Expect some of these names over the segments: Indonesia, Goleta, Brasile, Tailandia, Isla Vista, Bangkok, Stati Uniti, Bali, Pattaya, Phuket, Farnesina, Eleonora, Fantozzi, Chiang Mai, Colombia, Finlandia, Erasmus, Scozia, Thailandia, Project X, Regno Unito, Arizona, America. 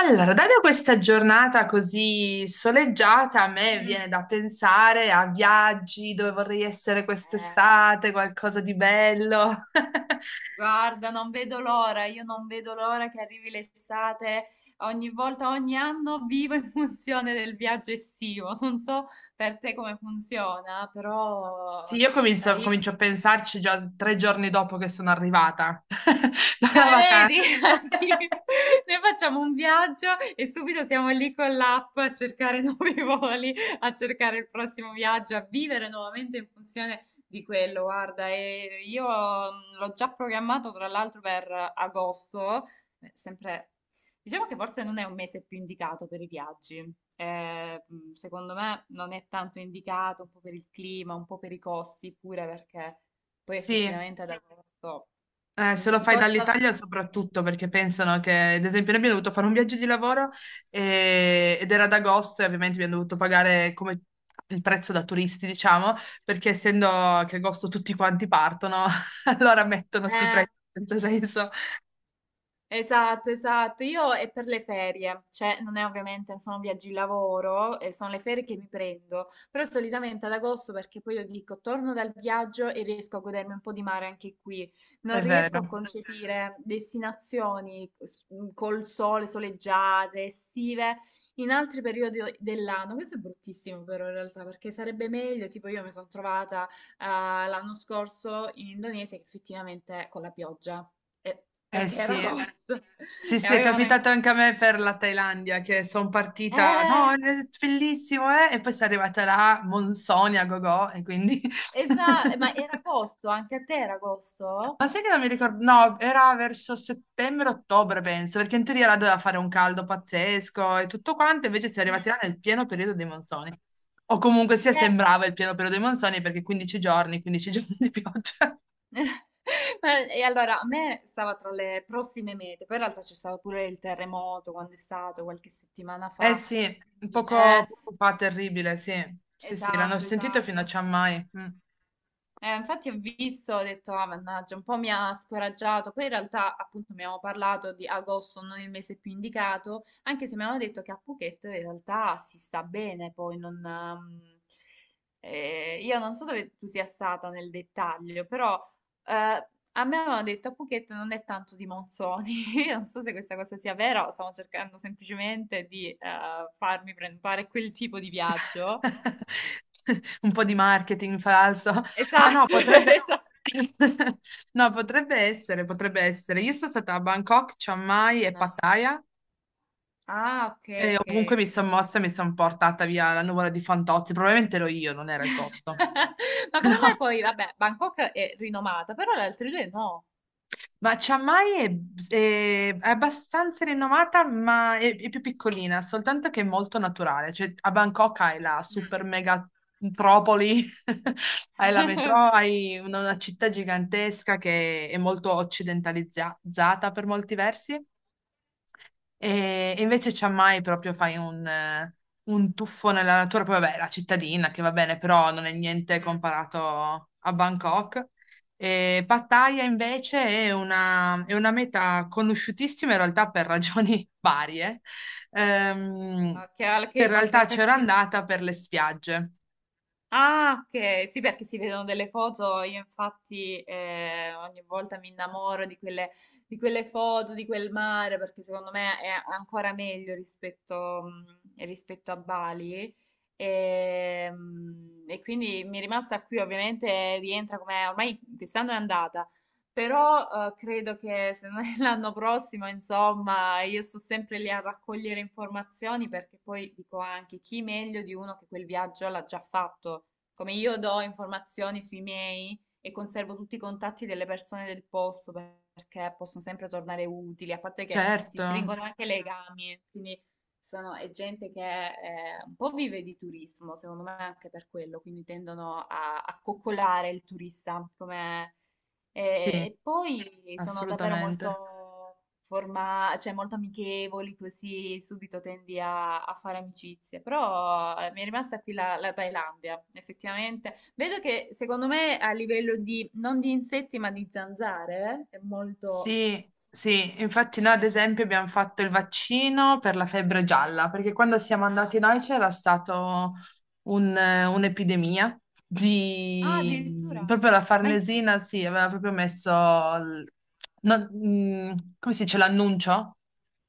Allora, data questa giornata così soleggiata, a me viene Mm. da pensare a viaggi, dove vorrei essere Eh, quest'estate, qualcosa di bello. Guarda, non vedo l'ora, io non vedo l'ora che arrivi l'estate. Ogni volta, ogni anno vivo in funzione del viaggio estivo. Non so per te come funziona, però Sì, io comincio, io comincio a pensarci già 3 giorni dopo che sono arrivata dalla vedi, vacanza. sì. Noi facciamo un viaggio e subito siamo lì con l'app a cercare nuovi voli, a cercare il prossimo viaggio, a vivere nuovamente in funzione di quello. Guarda, e io l'ho già programmato tra l'altro per agosto, sempre, diciamo che forse non è un mese più indicato per i viaggi. Secondo me non è tanto indicato, un po' per il clima, un po' per i costi, pure perché poi Sì. effettivamente ad agosto Se lo fai costano un dall'Italia po'. soprattutto perché pensano che, ad esempio, noi abbiamo dovuto fare un viaggio di lavoro ed era ad agosto e ovviamente abbiamo dovuto pagare come il prezzo da turisti, diciamo, perché essendo che agosto tutti quanti partono, allora mettono sti Eh, prezzi senza senso. esatto, esatto. Io è per le ferie, cioè non è ovviamente, sono viaggi lavoro, e sono le ferie che mi prendo, però solitamente ad agosto perché poi io dico torno dal viaggio e riesco a godermi un po' di mare anche qui. È Non riesco vero. a concepire destinazioni col sole, soleggiate, estive. In altri periodi dell'anno, questo è bruttissimo però in realtà, perché sarebbe meglio, tipo io mi sono trovata l'anno scorso in Indonesia, che effettivamente con la pioggia, Eh perché era sì. agosto Sì, e sì, è avevano... capitato anche a me per la Thailandia, che sono partita, no, Eh, è bellissimo, eh? E poi sono arrivata là, monsoni a gogo, e quindi... esa- ma era agosto, anche a te era agosto? Ma sai che non mi ricordo? No, era verso settembre-ottobre, penso, perché in teoria là doveva fare un caldo pazzesco e tutto quanto, invece si è Mm. arrivati là nel pieno periodo dei monsoni. O comunque sia Eh, sembrava il pieno periodo dei monsoni perché 15 giorni, 15 giorni di pioggia. E allora a me stava tra le prossime mete, poi in realtà c'è stato pure il terremoto quando è stato qualche settimana Eh fa, sì, un quindi, poco, poco fa, terribile, sì. Sì, sì, l'hanno esatto, sentito fino a esatto. Chiang Mai. Mm. Infatti ho visto, ho detto, ah, mannaggia, un po' mi ha scoraggiato. Poi in realtà, appunto, abbiamo parlato di agosto, non il mese più indicato, anche se mi hanno detto che a Phuket in realtà si sta bene, poi non... io non so dove tu sia stata nel dettaglio, però eh, a me avevano detto a Phuket non è tanto di monsoni. Io non so se questa cosa sia vera o stavo cercando semplicemente di farmi fare quel tipo di viaggio. Un po' di marketing falso, ma no, Esatto, potrebbe... esa No, potrebbe essere, potrebbe essere. Io sono stata a Bangkok, Chiang Mai e ah. Pattaya Ah, okay, e ovunque okay. mi sono mossa mi sono portata via la nuvola di Fantozzi. Probabilmente ero io, non era il posto. Ma come mai poi vabbè, Bangkok è rinomata, però le altre due no. Ma Chiang Mai è abbastanza rinomata, ma è più piccolina, soltanto che è molto naturale. Cioè, a Bangkok hai la Mh. super mega metropoli, hai la metro, hai una città gigantesca che è molto occidentalizzata per molti versi, e invece Chiang Mai proprio fai un tuffo nella natura, poi vabbè, la cittadina che va bene, però non è niente Mh. comparato a Bangkok. E Pattaya invece è una meta conosciutissima in realtà per ragioni varie. Ehm, Okay, alla In che forse ho realtà capi. c'ero andata per le spiagge, Ah, ok, sì, perché si vedono delle foto, io infatti ogni volta mi innamoro di quelle foto, di quel mare, perché secondo me è ancora meglio rispetto, rispetto a Bali. E quindi mi è rimasta qui, ovviamente rientra come ormai quest'anno è andata, però credo che se non è l'anno prossimo, insomma, io sto sempre lì a raccogliere informazioni perché poi dico anche chi meglio di uno che quel viaggio l'ha già fatto. Come io do informazioni sui miei e conservo tutti i contatti delle persone del posto perché possono sempre tornare utili, a parte che si certo, stringono anche legami, quindi è gente che un po' vive di turismo, secondo me anche per quello, quindi tendono a coccolare il turista come e, sì, e poi sono davvero molto assolutamente. Cioè molto amichevoli, così subito tendi a fare amicizie. Però mi è rimasta qui la Thailandia, effettivamente. Vedo che secondo me a livello di, non di insetti, ma di zanzare, è molto... Sì, sì, infatti noi ad esempio abbiamo fatto il vaccino per la febbre gialla, perché quando siamo Ah, andati noi c'era stato un'epidemia ah, di... addirittura. proprio la Ma in... Farnesina, sì, aveva proprio messo, il- no, come si dice, l'annuncio?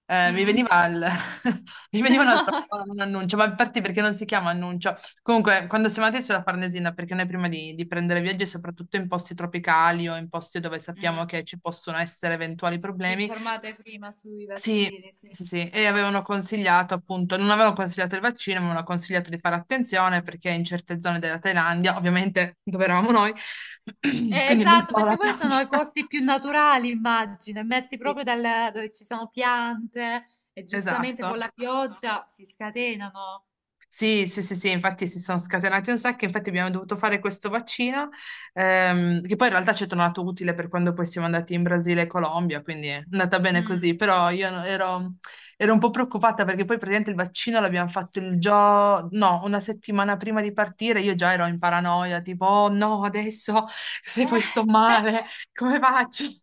Eh, mi Mm? veniva il... Mi veniva un No. altro, un annuncio. Ma infatti perché non si chiama annuncio? Comunque, quando siamo andati sulla Farnesina, perché noi prima di prendere viaggi, soprattutto in posti tropicali o in posti dove sappiamo Mm. che ci possono essere eventuali Vi problemi, informate prima sui sì, vaccini, sì, sì. sì, sì, e avevano consigliato appunto, non avevano consigliato il vaccino, ma avevano consigliato di fare attenzione perché in certe zone della Thailandia, ovviamente dove eravamo noi, quindi non Esatto, solo perché la poi pioggia. sono i posti più naturali, immagino, messi Sì, proprio dove ci sono piante e giustamente con esatto. la pioggia si scatenano. Sì, sì, sì, sì, infatti si sono scatenati un sacco, infatti abbiamo dovuto fare questo vaccino, che poi in realtà ci è tornato utile per quando poi siamo andati in Brasile e Colombia, quindi è andata bene Mm, così, però io no- bellissimo. ero, ero un po' preoccupata perché poi praticamente il vaccino l'abbiamo fatto il giorno, no, una settimana prima di partire, io già ero in paranoia, tipo, oh no, adesso se poi sto Eh, male, come faccio?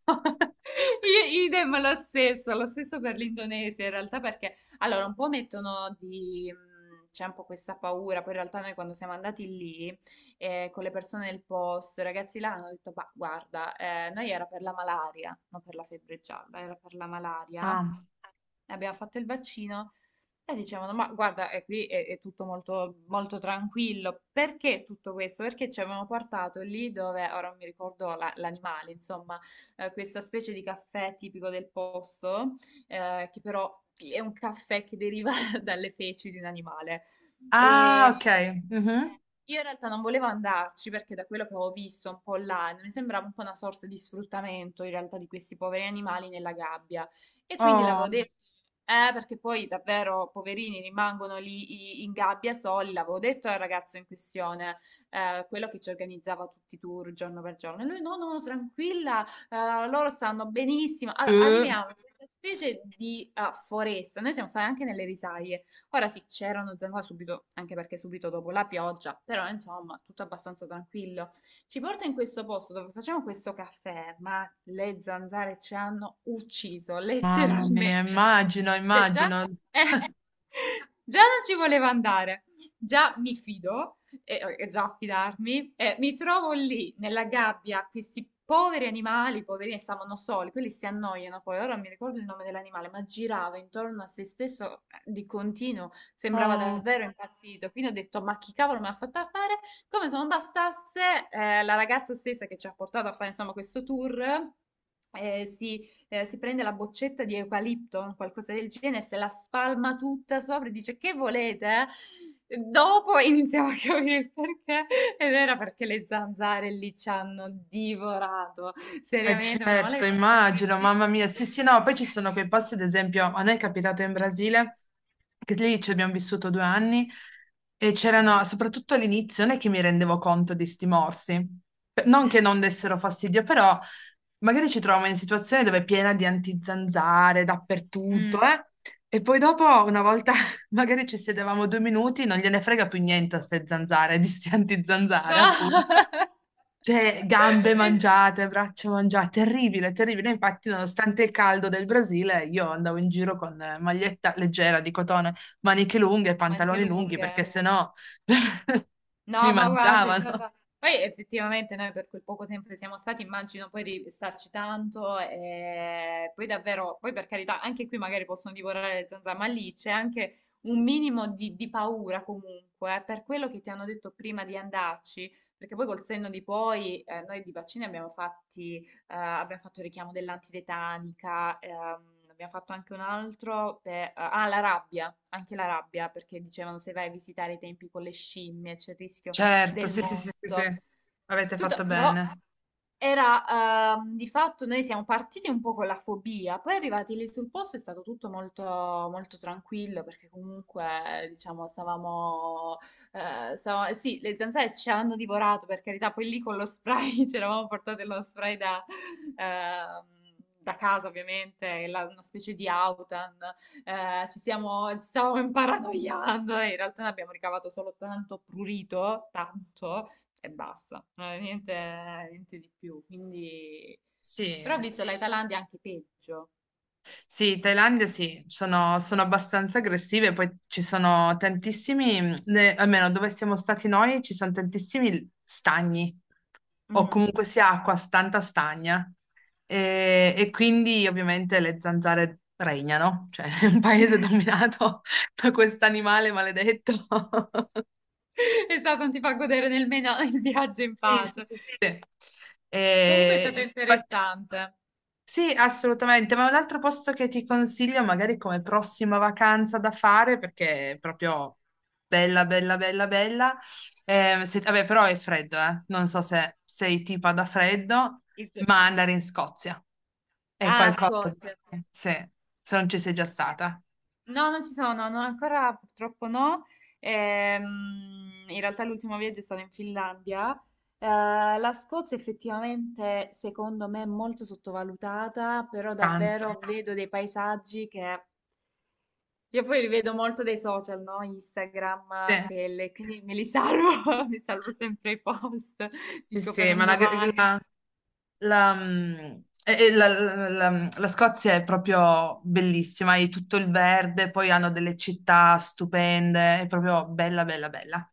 Idem lo stesso per l'Indonesia in realtà perché allora un po' mettono di... c'è un po' questa paura, poi in realtà noi quando siamo andati lì con le persone del posto, i ragazzi là hanno detto, bah, guarda, noi era per la malaria, non per la febbre gialla, era per la malaria, Ah, e abbiamo fatto il vaccino e dicevano, ma guarda, è qui è tutto molto, molto tranquillo. Perché tutto questo? Perché ci avevano portato lì dove, ora non mi ricordo l'animale, insomma, questa specie di caffè tipico del posto, che però è un caffè che deriva dalle feci di un animale. ah, E ok. io Mhm. io in realtà non volevo andarci perché da quello che avevo visto un po' online mi sembrava un po' una sorta di sfruttamento in realtà di questi poveri animali nella gabbia e quindi Oh. l'avevo detto, perché poi davvero poverini rimangono lì in gabbia soli, l'avevo detto al ragazzo in questione, quello che ci organizzava tutti i tour giorno per giorno, e lui no, no, tranquilla, loro stanno benissimo. Allora, Uh. arriviamo in questa specie di foresta, noi siamo stati anche nelle risaie. Ora sì, c'erano zanzare subito, anche perché subito dopo la pioggia, però insomma, tutto abbastanza tranquillo. Ci porta in questo posto dove facciamo questo caffè, ma le zanzare ci hanno ucciso, Mamma mia, letteralmente. immagino, Cioè, già, immagino. eh, già non ci voleva andare. Già mi fido e già affidarmi, e mi trovo lì nella gabbia, questi poveri animali, poverini, stavano soli, quelli si annoiano poi, ora non mi ricordo il nome dell'animale, ma girava intorno a se stesso di continuo, sembrava Eh, davvero impazzito, quindi ho detto, ma chi cavolo mi ha fatta fare? Come se non bastasse, la ragazza stessa che ci ha portato a fare, insomma, questo tour, eh, si si prende la boccetta di eucalipto, qualcosa del genere, se la spalma tutta sopra e dice che volete? Dopo iniziamo a capire il perché, ed era perché le zanzare lì ci hanno divorato. Eh, Seriamente, meno male certo, che passavo dei immagino, vestiti. mamma mia, sì, sì, no, poi ci sono quei posti, ad esempio, a noi è capitato in Brasile, che lì ci abbiamo vissuto 2 anni e Eh. c'erano, soprattutto all'inizio, non è che mi rendevo conto di sti morsi, non che non dessero fastidio, però magari ci troviamo in situazioni dove è piena di antizanzare dappertutto, Mm. eh? E poi dopo, una volta, magari ci sedevamo 2 minuti, non gliene frega più niente a ste zanzare, di sti antizanzare, No. appunto. Cioè, gambe Le- mangiate, braccia mangiate, terribile, terribile. Infatti, nonostante il caldo del Brasile, io andavo in giro con maglietta leggera di cotone, maniche lunghe, A maniche pantaloni lunghi, lunghe. perché sennò mi No, ma guarda, è mangiavano. stata... Poi effettivamente noi per quel poco tempo che siamo stati, immagino poi di starci tanto e poi davvero, poi per carità, anche qui magari possono divorare le zanzare, ma lì c'è anche un minimo di paura comunque, per quello che ti hanno detto prima di andarci, perché poi col senno di poi noi di vaccini abbiamo fatto il richiamo dell'antitetanica, abbiamo fatto anche un altro per... Ah, la rabbia, anche la rabbia, perché dicevano se vai a visitare i tempi con le scimmie c'è il rischio Certo, del sì, sì, sì, sì, morso. sì. Avete fatto Tutto, però bene. era di fatto noi siamo partiti un po' con la fobia, poi arrivati lì sul posto è stato tutto molto, molto tranquillo perché comunque diciamo stavamo sì, le zanzare ci hanno divorato, per carità, poi lì con lo spray, ci eravamo portate lo spray ehm, da casa ovviamente, una specie di autan, ci stavamo imparanoiando e in realtà ne abbiamo ricavato solo tanto prurito, tanto, e basta, non è niente, niente di più, quindi... Sì. Però ho visto la Thailandia anche peggio. Sì, Thailandia sì, sono abbastanza aggressive, poi ci sono tantissimi, almeno dove siamo stati noi, ci sono tantissimi stagni, o Mm. comunque sia acqua, tanta stagna, e quindi ovviamente le zanzare regnano, cioè è un paese dominato da questo animale maledetto. Esatto, non ti fa godere nemmeno il viaggio in Sì, sì, pace. sì, sì, sì. Comunque è stato E, interessante. Sì, assolutamente, ma un altro posto che ti consiglio magari come prossima vacanza da fare, perché è proprio bella, bella, bella, bella. Vabbè, però è freddo, eh. Non so se sei tipa da freddo, Is- ma andare in Scozia è Ah, qualcosa di... Scozia, Sì, se non ci sei già sì. stata, No, non ci sono, no, no, ancora purtroppo no. In realtà l'ultimo viaggio è stato in Finlandia. Eh, la Scozia effettivamente, secondo me, è molto sottovalutata, però tanto. davvero vedo dei paesaggi che io poi li vedo molto dai social, no? Sì, Instagram, quelle, quindi me li salvo, mi salvo sempre i post, sì, dico per sì, un ma domani. la- La, mm, la Scozia è proprio bellissima, hai tutto il verde, poi hanno delle città stupende, è proprio bella, bella, bella.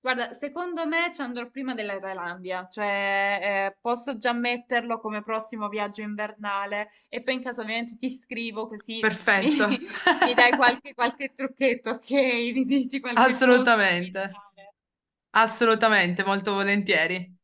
Guarda, secondo me ci andrò prima della Thailandia, cioè posso già metterlo come prossimo viaggio invernale e poi in caso ovviamente ti scrivo così mi, Perfetto, mi dai qualche, trucchetto, ok? Mi dici qualche posto da assolutamente, visitare. assolutamente, molto volentieri.